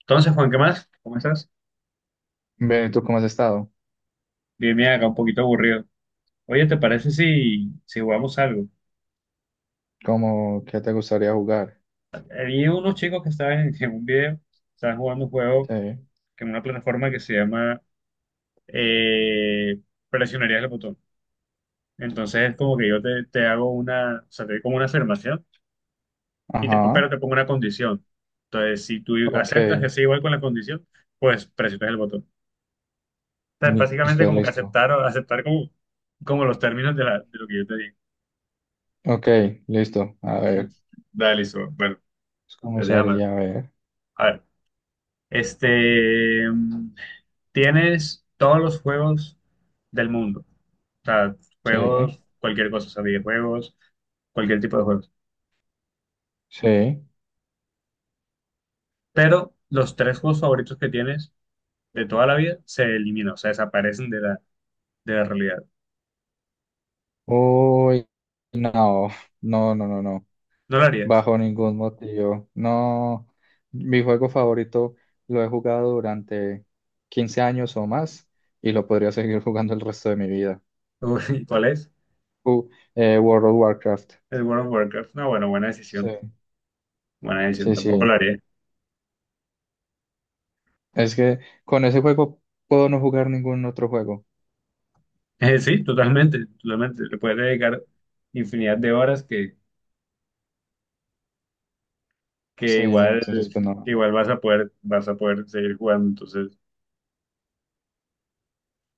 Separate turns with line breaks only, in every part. Entonces, Juan, ¿qué más? ¿Cómo estás?
Ve, ¿tú cómo has estado?
Bien, bien, acá un poquito aburrido. Oye, ¿te parece si jugamos algo?
¿Cómo, qué te gustaría jugar?
Había unos chicos que estaban en un video, estaban jugando un juego
Sí.
que en una plataforma que se llama eh, Presionarías el botón. Entonces es como que yo te hago una, o sea, te doy como una afirmación y te,
Ajá.
pero te pongo una condición. Entonces, si tú
Ok.
aceptas que sea igual con la condición, pues presionas el botón. O sea, es básicamente
Listo,
como que
listo.
aceptar, aceptar como, como los términos de lo que yo te digo.
Ok, listo. A ver.
Dale, listo. Bueno,
¿Cómo
pues déjame.
sería? A ver.
A ver, este, mm, tienes todos los juegos del mundo, o sea,
Sí,
juegos, cualquier cosa, o sea, videojuegos, cualquier tipo de juegos,
sí.
pero los tres juegos favoritos que tienes de toda la vida se eliminan, o sea, desaparecen de la realidad.
Uy, no. No, no, no, no.
¿No lo harías?
Bajo ningún motivo. No. Mi juego favorito lo he jugado durante 15 años o más y lo podría seguir jugando el resto de mi vida.
Uy, ¿cuál es?
Uh, World of Warcraft.
El World of Warcraft. No, bueno,
Sí,
buena decisión,
sí,
tampoco
sí.
lo haría.
Es que con ese juego puedo no jugar ningún otro juego.
Sí, totalmente, totalmente, le puedes dedicar infinidad de horas que
Sí,
igual,
entonces pues
que
no.
igual vas a poder seguir jugando. Entonces,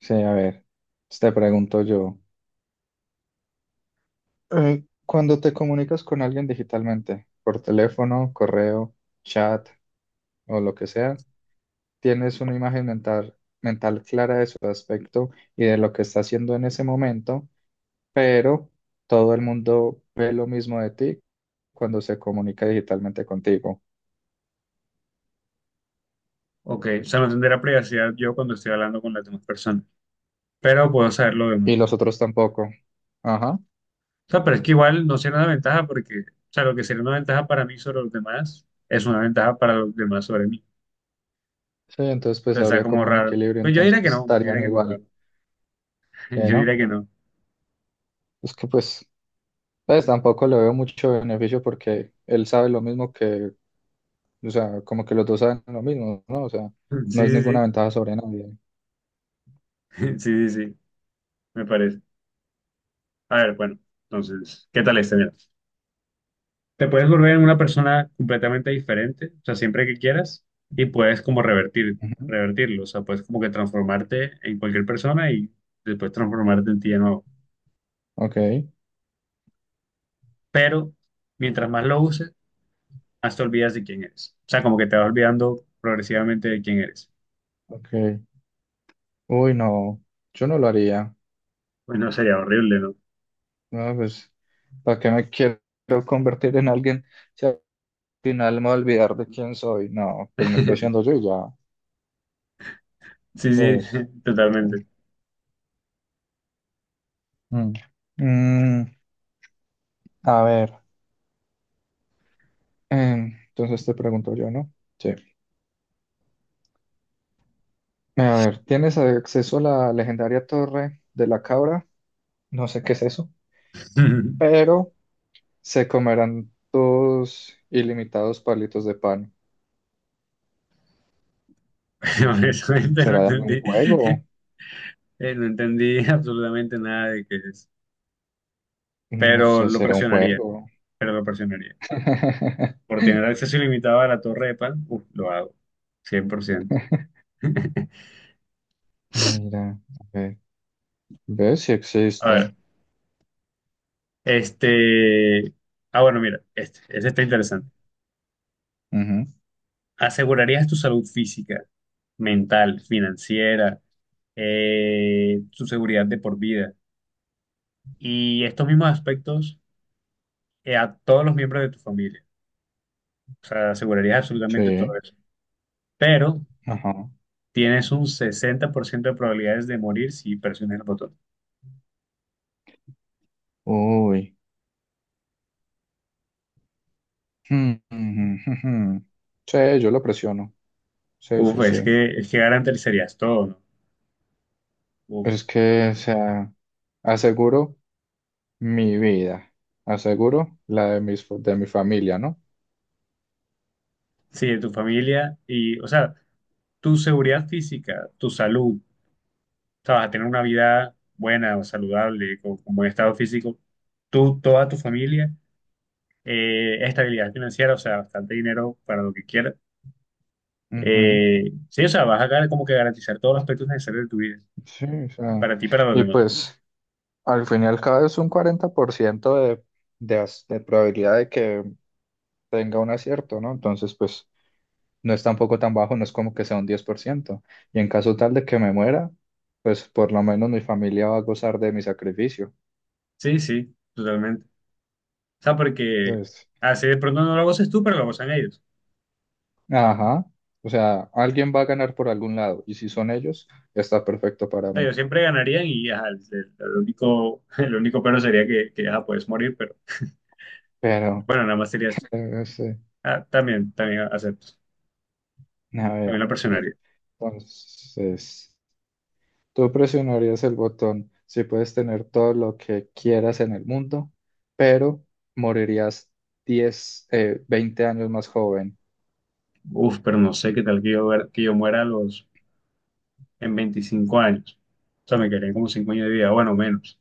Sí, a ver, pues, te pregunto yo. Cuando te comunicas con alguien digitalmente, por teléfono, correo, chat o lo que sea, tienes una imagen mental clara de su aspecto y de lo que está haciendo en ese momento, pero todo el mundo ve lo mismo de ti cuando se comunica digitalmente contigo
ok, o sea, no tendré privacidad yo cuando estoy hablando con las demás personas, pero puedo saber lo
y
demás.
los otros tampoco. Ajá.
O sea, pero es que igual no sería una ventaja porque, o sea, lo que sería una ventaja para mí sobre los demás es una ventaja para los demás sobre mí.
Sí, entonces pues
Entonces está
habría
como
como un
raro.
equilibrio,
Pues yo diría
entonces
que no, yo diría
estarían
que no, raro.
igual,
Yo diría
¿no?
que no.
Es que pues tampoco le veo mucho beneficio porque él sabe lo mismo que, o sea, como que los dos saben lo mismo, ¿no? O sea, no
Sí,
es
sí,
ninguna
sí.
ventaja sobre nadie.
Sí, sí, sí, me parece. A ver, bueno, entonces, ¿qué tal este? Mira. Te puedes volver en una persona completamente diferente, o sea, siempre que quieras, y puedes como revertir,
Ujú.
revertirlo, o sea, puedes como que transformarte en cualquier persona y después transformarte en ti de nuevo.
Ok,
Pero mientras más lo uses, más te olvidas de quién eres. O sea, como que te vas olvidando progresivamente de quién eres.
ok. Uy, no, yo no lo haría.
Pues no sería horrible, ¿no?
No, pues, ¿para qué me quiero convertir en alguien si al final me voy a olvidar de quién soy? No, pues me quedo siendo yo y ya,
Sí, sí,
pues.
totalmente.
Mm. Mm, a ver. Entonces te pregunto yo, ¿no? Sí. A ver, tienes acceso a la legendaria Torre de la Cabra, no sé qué es eso, pero se comerán tus ilimitados palitos de pan. No sé.
Honestamente no
¿Será de algún
entendí,
juego?
no entendí absolutamente nada de qué es,
No
pero
sé,
lo
será un
presionaría,
juego.
pero lo presionaría. Por tener acceso ilimitado a la torre de Pan, uf, lo hago, 100%.
Mira, a ver, ¿ves si
A ver,
existe?
este... Ah, bueno, mira, este está interesante.
Ujú,
¿Asegurarías tu salud física, mental, financiera, tu seguridad de por vida y estos mismos aspectos a todos los miembros de tu familia? O sea, asegurarías absolutamente todo
sí,
eso. Pero
ajá.
tienes un 60% de probabilidades de morir si presionas el botón.
Uy. Hmm, hmm, hmm, hmm. Sí, yo lo presiono. Sí,
Uf,
sí, sí.
es que garantizarías todo, ¿no? Uf.
Es que, o sea. Aseguro mi vida. Aseguro la de mis, de mi familia, ¿no?
Sí, de tu familia y, o sea, tu seguridad física, tu salud, o sea, vas a tener una vida buena o saludable, con buen estado físico, tú, toda tu familia, estabilidad financiera, o sea, bastante dinero para lo que quieras.
Ujú,
Sí, o sea, vas a como que garantizar todos los aspectos necesarios de tu vida,
sí, o sea,
para ti y para los
y
demás.
pues al fin y al cabo es un 40% de probabilidad de que tenga un acierto, ¿no? Entonces, pues no es tampoco tan bajo, no es como que sea un 10%. Y en caso tal de que me muera, pues por lo menos mi familia va a gozar de mi sacrificio.
Sí, sí, totalmente. O sea, porque
Pues,
así de pronto no lo goces tú, pero lo gozan ellos.
ajá, o sea, alguien va a ganar por algún lado y si son ellos, está perfecto
O
para
sea, yo
mí.
siempre ganarían y ajá, el, el único, el único pero sería que ajá, puedes morir, pero
Pero...
bueno, nada más sería.
Claro, sí.
Ah, también, también acepto.
A
También
ver,
la presionaría.
entonces, tú presionarías el botón si puedes tener todo lo que quieras en el mundo, pero morirías 10 20 años más joven.
Uf, pero no sé qué tal que yo, que yo muera a los, en 25 años. O sea, me quedarían como 5 años de vida, bueno, menos.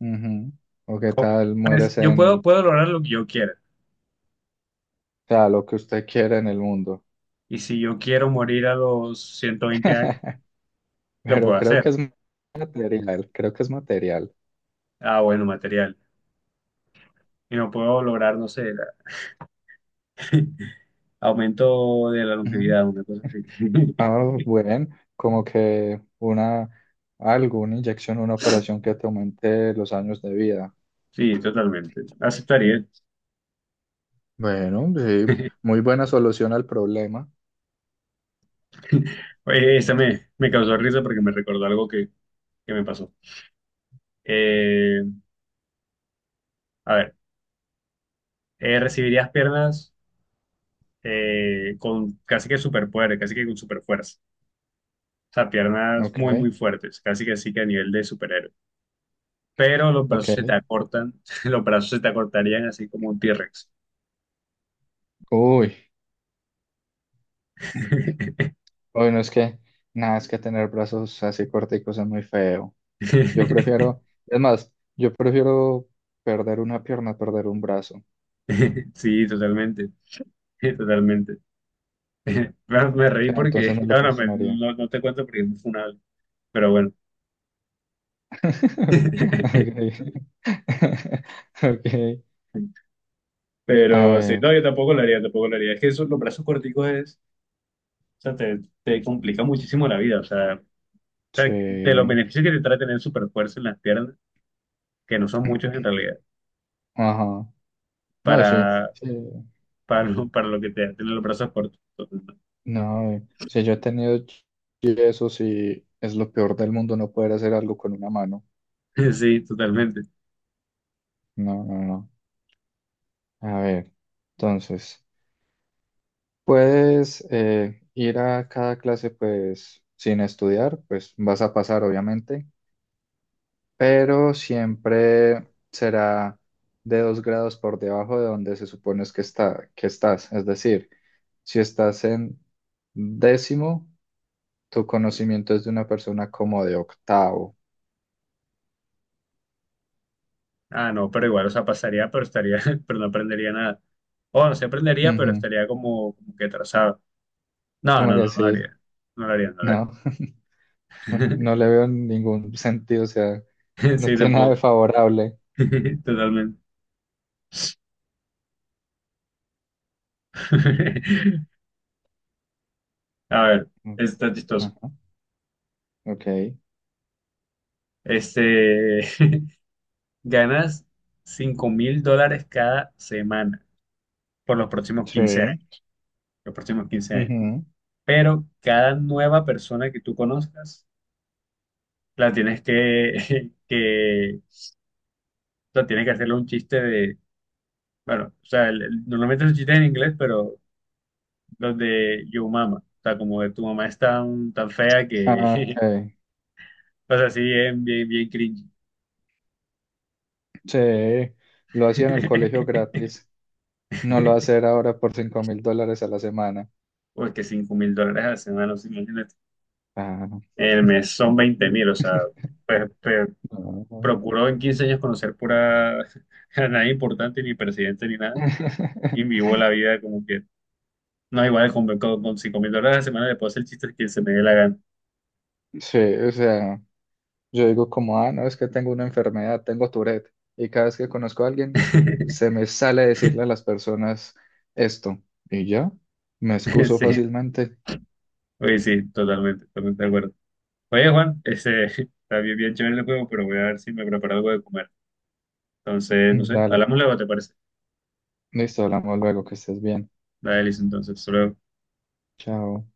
Ujú. O qué tal
Pues,
mueres
yo puedo,
en,
puedo lograr lo que yo quiera.
o sea, lo que usted quiera en el mundo.
Y si yo quiero morir a los 120 años, lo
Pero
puedo
creo
hacer.
que es material, creo que es material.
Ah, bueno, material. Y no puedo lograr, no sé, aumento de la
Ujú.
longevidad, una cosa así.
Ah, bueno, como que una, algo, una inyección, una operación que te aumente los años de vida.
Sí, totalmente. Aceptaría.
Bueno, sí, muy buena solución al problema.
Oye, esa me, me causó risa porque me recordó algo que me pasó. Eh, a ver. Recibirías piernas con casi que superpoder, casi que con superfuerza. O sea, piernas
Ok,
muy, muy fuertes, casi que así que a nivel de superhéroe. Pero los
ok.
brazos se te acortan, los brazos se te acortarían así como un T-Rex.
Uy, bueno, es que nada, es que tener brazos así corticos es muy feo. Yo prefiero, es más, yo prefiero perder una pierna, a perder un brazo. O
Sí, totalmente, totalmente. Bueno, me reí
sea, entonces
porque,
no lo
bueno,
presionaría.
no, no te cuento porque es muy funable, pero bueno.
Ok. Ok. A
Pero sí,
ver,
no, yo tampoco lo haría, tampoco lo haría. Es que eso, los brazos corticos es, o sea, te complica muchísimo la vida. O sea, sea, de los
sí.
beneficios que te trae tener super fuerza en las piernas, que no son muchos en realidad,
Ajá. No, sí,
para,
sí.
para lo que te da tener los brazos cortos.
No, si yo he tenido yesos y es lo peor del mundo no poder hacer algo con una mano.
Sí, totalmente.
No, no, no. A ver, entonces, puedes ir a cada clase pues sin estudiar, pues vas a pasar obviamente, pero siempre será de dos grados por debajo de donde se supone es que está, que estás. Es decir, si estás en décimo, tu conocimiento es de una persona como de octavo.
Ah, no, pero igual, o sea, pasaría, pero estaría, pero no aprendería nada. O no se aprendería, pero
Ujú.
estaría como, como que atrasado. No,
Como
no, no,
que
no lo
sí,
haría. No lo haría, no lo haría.
no, no le veo ningún sentido, o sea, no
Sí,
tiene nada de
tampoco.
favorable.
Totalmente. A ver,
Mm,
esto está chistoso.
ajá, ok,
Este, ganas $5,000 cada semana por los próximos 15
sí,
años, los próximos quince años.
ujú,
Pero cada nueva persona que tú conozcas, la tienes que, que, la tienes que hacerle un chiste de, bueno, o sea, normalmente los chistes en inglés, pero los de yo mama, o sea, como de tu mamá es tan, tan fea
ah, ok,
que, o sea, sí, bien, bien, bien cringe.
sí, lo hacía en el colegio gratis, no lo va a hacer ahora por $5,000 a la semana.
Porque $5,000 a la semana, no sé, imagínate.
Ah.
El mes son 20,000, o sea, pues,
No.
procuró en 15 años conocer pura a nadie importante, ni presidente, ni nada, y vivió la vida como que no igual con 5 mil dólares a la semana le puedo hacer chistes que se me dé la gana.
Sí, o sea. Yo digo como, ah, no, es que tengo una enfermedad, tengo Tourette. Y cada vez que conozco a alguien, se me sale decirle a las personas esto. Y ya, me excuso
Sí,
fácilmente.
oye, sí, totalmente, totalmente de acuerdo. Oye, Juan, ese está bien, bien chévere el juego, pero voy a ver si me preparo algo de comer. Entonces, no
Mm,
sé,
dale,
hablamos luego, ¿te parece?
listo, hablamos luego, que estés bien.
Dale, listo, entonces, solo
Chao.